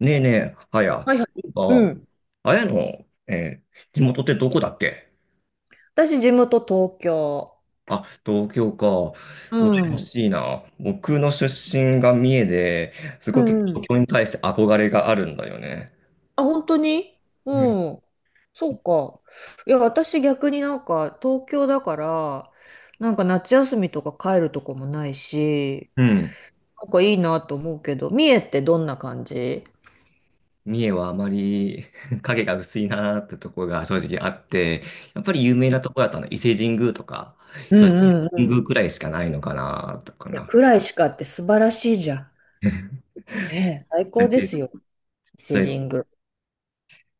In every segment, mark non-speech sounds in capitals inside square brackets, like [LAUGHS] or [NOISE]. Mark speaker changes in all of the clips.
Speaker 1: ねえねえ、はや、
Speaker 2: はいは
Speaker 1: そ
Speaker 2: い。
Speaker 1: ういえ
Speaker 2: う
Speaker 1: ば、
Speaker 2: ん。
Speaker 1: あやの、えー地元ってどこだっけ？
Speaker 2: 私、地元東京。
Speaker 1: あ、東京か。
Speaker 2: う
Speaker 1: 羨ま
Speaker 2: ん。
Speaker 1: しいな。僕の出身が三重で、す
Speaker 2: う
Speaker 1: ごく
Speaker 2: んうん。
Speaker 1: 東京に対して憧れがあるんだよね。
Speaker 2: あ、本当に？
Speaker 1: うん。
Speaker 2: うん。そうか。いや、私逆になんか東京だから、なんか夏休みとか帰るとこもないし、
Speaker 1: うん。
Speaker 2: なんかいいなと思うけど、三重ってどんな感じ？
Speaker 1: 三重はあまり [LAUGHS] 影が薄いなーってところが正直あって、やっぱり有名なところだったの、伊勢神宮とか、
Speaker 2: う
Speaker 1: 正直
Speaker 2: んうんう
Speaker 1: 神宮
Speaker 2: ん。
Speaker 1: くらいしかないのかな、とか
Speaker 2: いや、
Speaker 1: な。
Speaker 2: 暗いしかって素晴らしいじゃん。
Speaker 1: うん。
Speaker 2: ええ、最
Speaker 1: そうや
Speaker 2: 高
Speaker 1: っ
Speaker 2: で
Speaker 1: て
Speaker 2: すよ。伊勢
Speaker 1: そうやっ
Speaker 2: 神宮。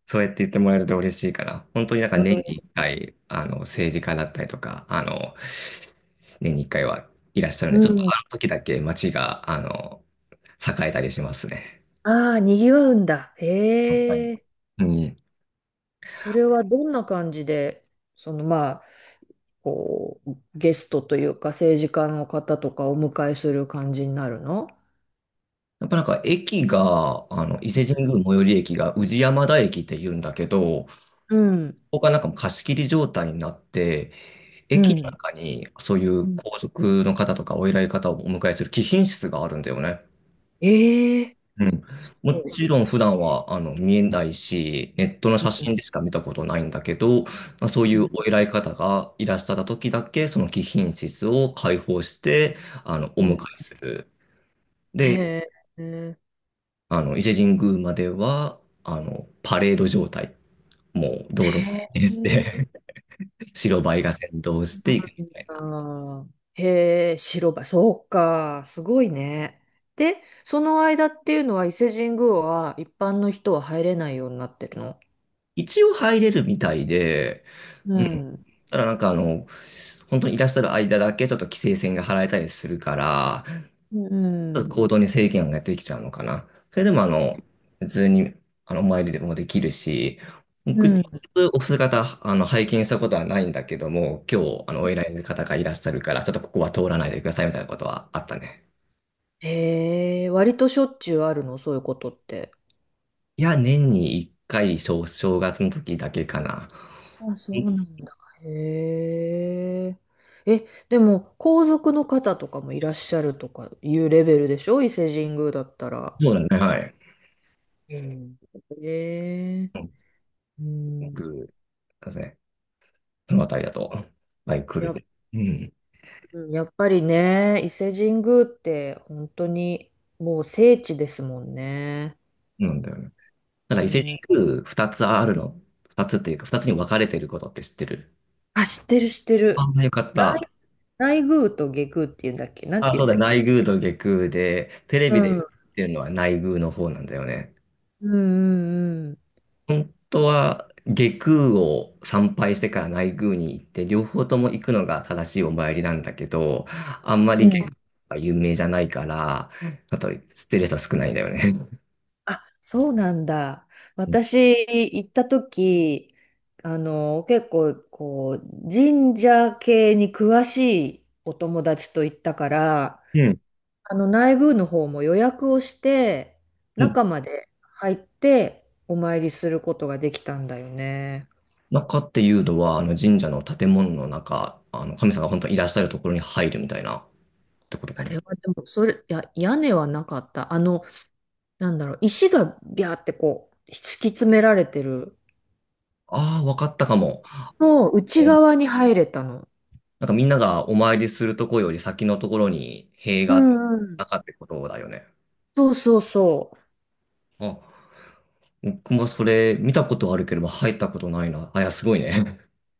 Speaker 1: そうやって言ってもらえると嬉しいから、本当になんか
Speaker 2: うん。
Speaker 1: 年に1回、政治家だったりとか、年に1回はいらっしゃる
Speaker 2: う
Speaker 1: ので、ちょっと
Speaker 2: ん。
Speaker 1: あの時だけ街が、栄えたりしますね。
Speaker 2: ああ、にぎわうんだ。
Speaker 1: はい。
Speaker 2: へえ。
Speaker 1: うん。
Speaker 2: それはどんな感じで、まあ、ゲストというか政治家の方とかお迎えする感じになるの？
Speaker 1: やっぱなんか駅が、伊勢神宮最寄り駅が宇治山田駅って言うんだけど、こ
Speaker 2: うん。
Speaker 1: こがなんかもう貸し切り状態になって、
Speaker 2: う
Speaker 1: 駅の
Speaker 2: ん。
Speaker 1: 中にそうい
Speaker 2: う
Speaker 1: う
Speaker 2: ん、
Speaker 1: 皇族の方とかお偉い方をお迎えする貴賓室があるんだよね。
Speaker 2: ええ、
Speaker 1: うん。
Speaker 2: す
Speaker 1: も
Speaker 2: ごい。
Speaker 1: ちろん普段は見えないし、ネットの
Speaker 2: う
Speaker 1: 写
Speaker 2: ん。
Speaker 1: 真でしか見たことないんだけど、まあ、そうい
Speaker 2: う
Speaker 1: う
Speaker 2: ん
Speaker 1: お偉い方がいらっしゃった時だけ、その貴賓室を開放して、お
Speaker 2: う
Speaker 1: 迎
Speaker 2: ん。
Speaker 1: えする。
Speaker 2: へ
Speaker 1: で、
Speaker 2: え、へえ。
Speaker 1: 伊勢神宮までは、パレード状態。もう道路を固定して [LAUGHS] 白バイが先導していくみたい
Speaker 2: あ
Speaker 1: な。
Speaker 2: ー、へえ、白馬、そうか、すごいね。で、その間っていうのは伊勢神宮は一般の人は入れないようになってるの？
Speaker 1: 一応入れるみたいで、
Speaker 2: う
Speaker 1: うん。
Speaker 2: ん。
Speaker 1: ただなんか本当にいらっしゃる間だけちょっと規制線が張られたりするから、
Speaker 2: うん。
Speaker 1: 行動に制限ができちゃうのかな。それでも、普通に、お参りでもできるし、
Speaker 2: う
Speaker 1: 僕、直
Speaker 2: ん。
Speaker 1: 接お姿、拝見したことはないんだけども、今日、お偉い方がいらっしゃるから、ちょっとここは通らないでくださいみたいなことはあったね。
Speaker 2: へえ、割としょっちゅうあるの、そういうことって。
Speaker 1: いや、年に1回、正月の時だけかな。
Speaker 2: あ、そうなんだ。へえ。え、でも、皇族の方とかもいらっしゃるとかいうレベルでしょ伊勢神宮だったら。
Speaker 1: そうだね、はい。
Speaker 2: うん。へえ。
Speaker 1: うん、す
Speaker 2: う
Speaker 1: ご
Speaker 2: ん。
Speaker 1: く、そうですね。そのあたりだと、バイク来
Speaker 2: やっ、
Speaker 1: る。うん。
Speaker 2: うん、やっぱりね、伊勢神宮って本当にもう聖地ですもんね。
Speaker 1: なんだよね。た
Speaker 2: う
Speaker 1: だ、伊勢
Speaker 2: ん。
Speaker 1: 神宮二つあるの、二つっていうか、二つに分かれてることって知ってる？
Speaker 2: あ、知ってる知ってる。
Speaker 1: あ、よかっ
Speaker 2: 内、
Speaker 1: た。
Speaker 2: 内宮と下宮っていうんだっけ、なん
Speaker 1: あ、
Speaker 2: ていう
Speaker 1: そう
Speaker 2: ん
Speaker 1: だ
Speaker 2: だ
Speaker 1: よ、
Speaker 2: っけ？
Speaker 1: 内宮と外宮で、テレ
Speaker 2: う
Speaker 1: ビで言
Speaker 2: ん。う
Speaker 1: っ
Speaker 2: ん
Speaker 1: てるのは内宮の方なんだよね。
Speaker 2: うんうん。
Speaker 1: 本当は外宮を参拝してから内宮に行って、両方とも行くのが正しいお参りなんだけど、あんまり
Speaker 2: う
Speaker 1: 外宮
Speaker 2: ん。
Speaker 1: が有名じゃないから、あと知ってる人少ないんだよね。
Speaker 2: あ、そうなんだ。
Speaker 1: うん
Speaker 2: 私、行った時、結構、こう、神社系に詳しいお友達と行ったから、
Speaker 1: うん。
Speaker 2: 内部の方も予約をして、
Speaker 1: うん。
Speaker 2: 中まで入って、お参りすることができたんだよね。
Speaker 1: 中っていうのは、あの神社の建物の中、あの神様が本当にいらっしゃるところに入るみたいなってことか
Speaker 2: あ
Speaker 1: な。
Speaker 2: れはでも、それ、いや、屋根はなかった。なんだろう、石がビャーってこう、敷き詰められてる
Speaker 1: ああ、わかったかも。
Speaker 2: の内側に入れたの。
Speaker 1: なんかみんながお参りするとこより先のところに塀
Speaker 2: う
Speaker 1: があって
Speaker 2: んうん、
Speaker 1: なかってことだよね。
Speaker 2: そうそうそ
Speaker 1: あ、僕もそれ見たことあるけれど入ったことないな。あ、いや、すごいね。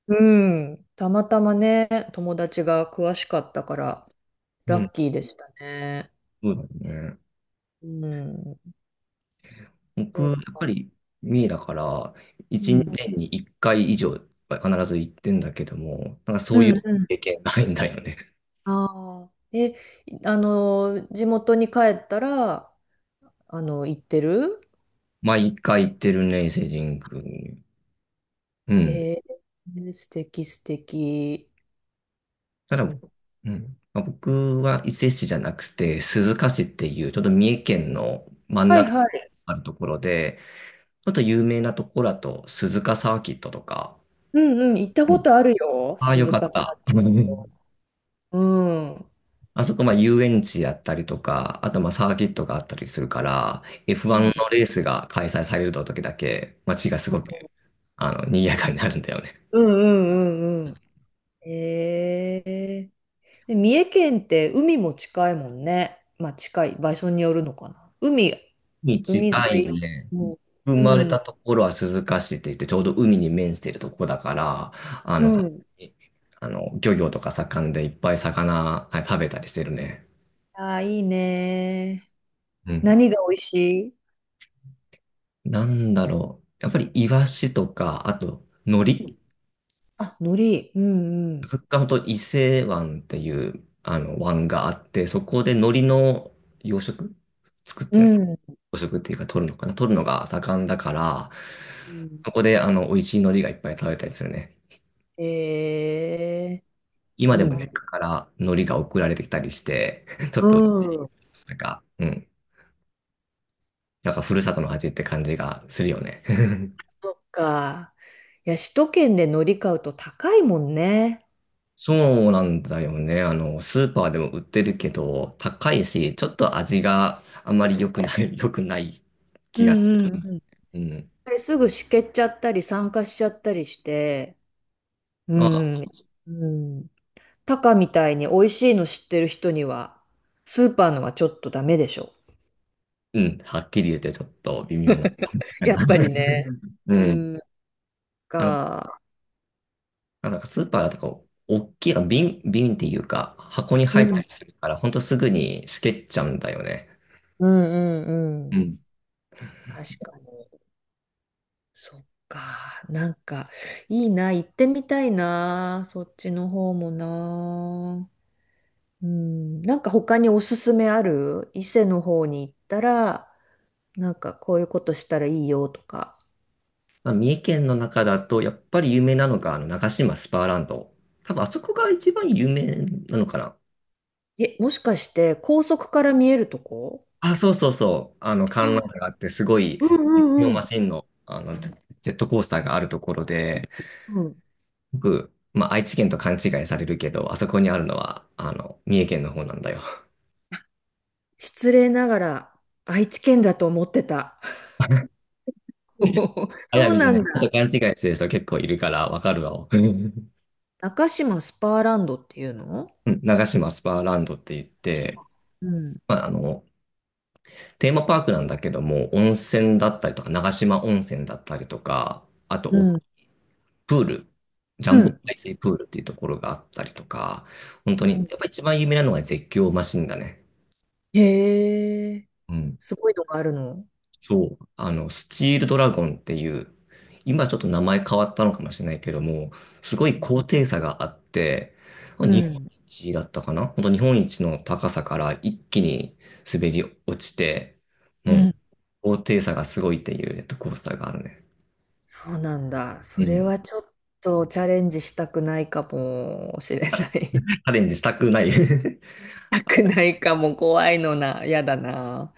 Speaker 2: う。うん。たまたまね、友達が詳しかったから、
Speaker 1: う
Speaker 2: ラ
Speaker 1: ん。
Speaker 2: ッキーでしたね。
Speaker 1: そうだね。
Speaker 2: うん。
Speaker 1: 僕、
Speaker 2: そ
Speaker 1: や
Speaker 2: う
Speaker 1: っぱ
Speaker 2: か。
Speaker 1: り三重だから、
Speaker 2: う
Speaker 1: 一年
Speaker 2: ん。
Speaker 1: に一回以上は必ず行ってんだけども、なんかそ
Speaker 2: う
Speaker 1: うい
Speaker 2: ん
Speaker 1: う
Speaker 2: うん。
Speaker 1: 経験ないんだよね。
Speaker 2: ああ。え、地元に帰ったら、行ってる？
Speaker 1: [LAUGHS] 毎回行ってるね、伊勢神宮に。うん。
Speaker 2: えー、素敵素敵。
Speaker 1: ただ、
Speaker 2: そう。
Speaker 1: うん。まあ僕は伊勢市じゃなくて、鈴鹿市っていう、ちょっと三重県の真ん
Speaker 2: はい
Speaker 1: 中
Speaker 2: はい。
Speaker 1: あるところで、あと有名なところだと、鈴鹿サーキットとか、
Speaker 2: うんうん。行った
Speaker 1: う
Speaker 2: こ
Speaker 1: ん。
Speaker 2: とあるよ。
Speaker 1: ああ、よ
Speaker 2: 鈴
Speaker 1: か
Speaker 2: 鹿
Speaker 1: っ
Speaker 2: さん
Speaker 1: た。[LAUGHS] うん。
Speaker 2: と。うん。うん
Speaker 1: あそこ、まあ、遊園地やったりとか、あと、まあ、サーキットがあったりするから、F1
Speaker 2: う
Speaker 1: のレースが開催される時だけ、街がすごく、
Speaker 2: ん
Speaker 1: 賑やかになるんだよね。
Speaker 2: うんうんうん。ええ、で、三重県って海も近いもんね。まあ近い場所によるのかな。海、
Speaker 1: に
Speaker 2: 海沿
Speaker 1: 近い
Speaker 2: い。
Speaker 1: ね。
Speaker 2: うん。
Speaker 1: 生
Speaker 2: う
Speaker 1: まれた
Speaker 2: ん。
Speaker 1: ところは鈴鹿市って言って、ちょうど海に面しているところだから、あ
Speaker 2: う
Speaker 1: の、
Speaker 2: ん。
Speaker 1: 漁業とか盛んでいっぱい魚、はい、食べたりしてるね。
Speaker 2: ああ、いいね。
Speaker 1: うん。
Speaker 2: 何が美味しい？
Speaker 1: なんだろう。やっぱりイワシとか、あと、海
Speaker 2: うん、
Speaker 1: 苔。
Speaker 2: あ、海苔。うんうん。
Speaker 1: カッカンと伊勢湾っていう、湾があって、そこで海苔の養殖作っ
Speaker 2: う
Speaker 1: て
Speaker 2: ん。
Speaker 1: 養殖っていうか取るのかな取るのが盛んだから、
Speaker 2: うん、
Speaker 1: そこで、美味しい海苔がいっぱい食べたりするね。
Speaker 2: えー、
Speaker 1: 今で
Speaker 2: いい
Speaker 1: も実
Speaker 2: ね。
Speaker 1: 家から海苔が送られてきたりして、[LAUGHS] ちょっ
Speaker 2: う
Speaker 1: と、
Speaker 2: ん。
Speaker 1: なんか、うん、なんかふるさとの味って感じがするよね。[LAUGHS]
Speaker 2: そっか。いや、首都圏で海苔買うと高いもんね。
Speaker 1: そうなんだよね。スーパーでも売ってるけど、高いし、ちょっと味があまり良くない、[LAUGHS] 良くない
Speaker 2: う
Speaker 1: 気がす
Speaker 2: んうん
Speaker 1: る。
Speaker 2: うん。
Speaker 1: うん。
Speaker 2: あれすぐしけっちゃったり、酸化しちゃったりして。う
Speaker 1: まあ、そ
Speaker 2: ん。
Speaker 1: うそう。
Speaker 2: うん。タカみたいに美味しいの知ってる人には、スーパーのはちょっとダメでしょ。
Speaker 1: うん、はっきり言ってちょっと微妙なかな。
Speaker 2: やっぱりね。
Speaker 1: [LAUGHS]
Speaker 2: う
Speaker 1: うん。
Speaker 2: ん、
Speaker 1: あの、
Speaker 2: か。
Speaker 1: なんかスーパーだとこう、大きい瓶、瓶っていうか、箱に
Speaker 2: う
Speaker 1: 入った
Speaker 2: ん。
Speaker 1: りするから、ほんとすぐにしけっちゃうんだよね。
Speaker 2: うんうん
Speaker 1: う
Speaker 2: うん。
Speaker 1: ん。
Speaker 2: 確かに。そっか。なんか、いいな。行ってみたいな。そっちの方もな。うん。なんか他におすすめある？伊勢の方に行ったら、なんかこういうことしたらいいよとか。
Speaker 1: まあ、三重県の中だと、やっぱり有名なのが、長島スパーランド。多分、あそこが一番有名なのかな。
Speaker 2: え、もしかして高速から見えるとこ？
Speaker 1: あ、そうそうそう。観覧車があって、すごい、
Speaker 2: う
Speaker 1: 実況
Speaker 2: ん
Speaker 1: マ
Speaker 2: うん
Speaker 1: シンの、ジェットコースターがあるところで、
Speaker 2: うん。
Speaker 1: 僕、まあ、愛知県と勘違いされるけど、あそこにあるのは、三重県の方なんだよ。
Speaker 2: 失礼ながら愛知県だと思ってた。
Speaker 1: [LAUGHS]
Speaker 2: [LAUGHS]
Speaker 1: あ
Speaker 2: そ
Speaker 1: や
Speaker 2: う
Speaker 1: みで
Speaker 2: な
Speaker 1: ね、
Speaker 2: ん
Speaker 1: ち
Speaker 2: だ。
Speaker 1: ょっと勘違いしてる人結構いるから、わかるわ。うん。
Speaker 2: 中島スパーランドっていうの？
Speaker 1: 長島スパーランドって言っ
Speaker 2: 島。
Speaker 1: て、
Speaker 2: うん。
Speaker 1: まあ、テーマパークなんだけども、温泉だったりとか、長島温泉だったりとか、あと
Speaker 2: う
Speaker 1: お
Speaker 2: ん。
Speaker 1: プール、ジャ
Speaker 2: う
Speaker 1: ンボ
Speaker 2: ん。
Speaker 1: 海水プールっていうところがあったりとか、本当
Speaker 2: う
Speaker 1: に、
Speaker 2: ん、
Speaker 1: やっぱ一番有名なのが絶叫マシンだね。
Speaker 2: へえ、
Speaker 1: うん。
Speaker 2: すごいのがあるの。
Speaker 1: そう、スチールドラゴンっていう、今ちょっと名前変わったのかもしれないけども、すごい高低差があって、
Speaker 2: う
Speaker 1: 日本
Speaker 2: ん。
Speaker 1: 一だったかな本当日本一の高さから一気に滑り落ちて、う
Speaker 2: う
Speaker 1: ん、
Speaker 2: ん。
Speaker 1: 高低差がすごいっていうジェットコースターがあるね。
Speaker 2: そうなんだ。
Speaker 1: う
Speaker 2: それ
Speaker 1: ん。チ
Speaker 2: はちょっとチャレンジしたくないかもしれない。[LAUGHS] し
Speaker 1: ャレンジしたくない。
Speaker 2: たくないかも、怖いのな。やだな。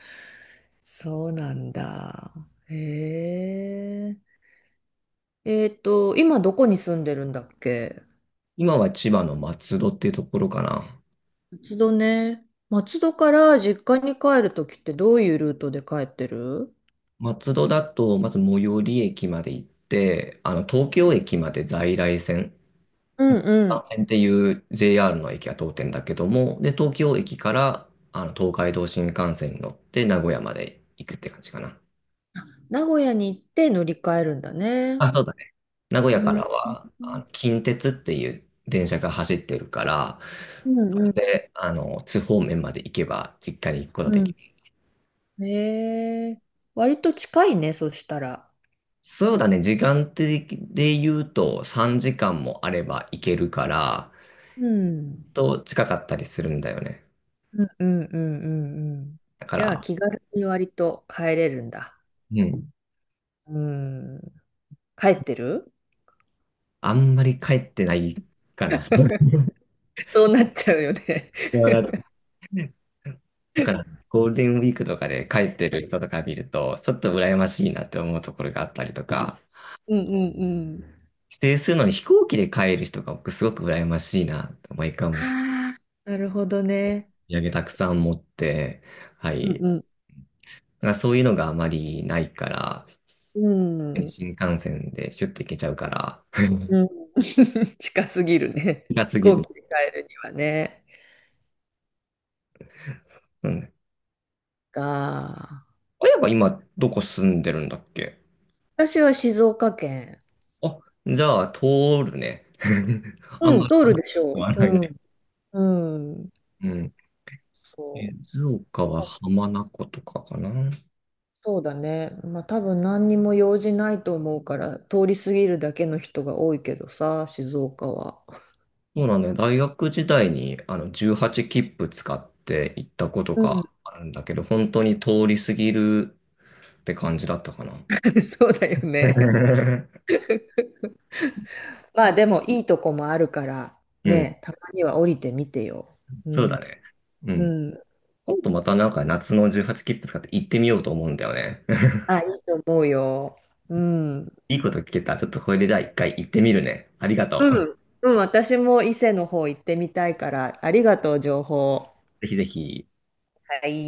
Speaker 2: そうなんだ。へえ。今どこに住んでるんだっけ？
Speaker 1: [LAUGHS] 今は千葉の松戸っていうところかな。
Speaker 2: 松戸ね。松戸から実家に帰るときってどういうルートで帰ってる？
Speaker 1: 松戸だと、まず最寄り駅まで行って、東京駅まで在来線、
Speaker 2: うんう
Speaker 1: 関
Speaker 2: ん。
Speaker 1: 線っていう JR の駅が通ってんだけども、で、東京駅から、東海道新幹線に乗って名古屋まで行くって感じかな。
Speaker 2: 名古屋に行って乗り換えるんだね。
Speaker 1: あ、そうだ。名古屋
Speaker 2: う
Speaker 1: か
Speaker 2: ん
Speaker 1: らは、あの近鉄っていう電車が走ってるから、
Speaker 2: うん
Speaker 1: そ
Speaker 2: う
Speaker 1: こ
Speaker 2: ん
Speaker 1: で、津方面まで行けば実家に行くことができ
Speaker 2: う
Speaker 1: る。
Speaker 2: ん。へえ。割と近いね、そしたら。
Speaker 1: そうだね、時間的で言うと3時間もあれば行けるから、
Speaker 2: うん。
Speaker 1: と近かったりするんだよね。
Speaker 2: うんうんうんうんうん、
Speaker 1: だか
Speaker 2: じゃあ
Speaker 1: ら、
Speaker 2: 気軽に割と帰れるんだ。
Speaker 1: うん、
Speaker 2: うん。帰ってる？
Speaker 1: あんまり帰ってないかな。
Speaker 2: [LAUGHS] そうなっちゃうよね。
Speaker 1: だから、ゴールデンウィークとかで帰ってる人とか見ると、ちょっと羨ましいなって思うところがあったりとか、
Speaker 2: うんうんうん、
Speaker 1: 指定するのに飛行機で帰る人が僕すごく羨ましいなと、毎回思って、
Speaker 2: ああ、なるほどね。
Speaker 1: お土産たくさん持って、は
Speaker 2: う
Speaker 1: い。
Speaker 2: ん
Speaker 1: なんかそういうのがあまりないから、
Speaker 2: うんうん。
Speaker 1: 新幹線でシュッと行けちゃうから、[LAUGHS]
Speaker 2: うん。[LAUGHS] 近すぎるね。
Speaker 1: 近
Speaker 2: [LAUGHS]
Speaker 1: す
Speaker 2: 飛
Speaker 1: ぎ
Speaker 2: 行
Speaker 1: る。
Speaker 2: 機で帰るにはね。
Speaker 1: うん。
Speaker 2: が、
Speaker 1: 親が今どこ住んでるんだっけ？
Speaker 2: 私は静岡県。
Speaker 1: あ、じゃあ通るね。[LAUGHS] あん
Speaker 2: うん、
Speaker 1: ま
Speaker 2: 通る
Speaker 1: り
Speaker 2: でし
Speaker 1: 変
Speaker 2: ょ
Speaker 1: ら
Speaker 2: う。
Speaker 1: ない
Speaker 2: う
Speaker 1: ね。
Speaker 2: ん。うん。
Speaker 1: うん。
Speaker 2: そ
Speaker 1: 静岡は
Speaker 2: う。あ、
Speaker 1: 浜名湖とかかな。
Speaker 2: そうだね。まあ多分何にも用事ないと思うから、通り過ぎるだけの人が多いけどさ、静岡は。
Speaker 1: そうなんだよ。大学時代にあの18切符使って行ったこと
Speaker 2: うん。
Speaker 1: があるんだけど、本当に通り過ぎるって感じだったかな。
Speaker 2: [LAUGHS] そうだよね。
Speaker 1: [LAUGHS]
Speaker 2: [LAUGHS] まあでもいいとこもあるから、
Speaker 1: うん。
Speaker 2: ね、たまには降りてみてよ。う
Speaker 1: そう
Speaker 2: ん。
Speaker 1: だね。う
Speaker 2: う
Speaker 1: ん。
Speaker 2: ん。
Speaker 1: 今度またなんか夏の18切符使って行ってみようと思うんだよね。[LAUGHS]
Speaker 2: あ、いいと思うよ。うん。
Speaker 1: いいこと聞けた。ちょっとこれでじゃあ一回行ってみるね。ありがとう。
Speaker 2: うん、うん、私も伊勢の方行ってみたいから、ありがとう、情報。
Speaker 1: ぜひぜひ。
Speaker 2: はい。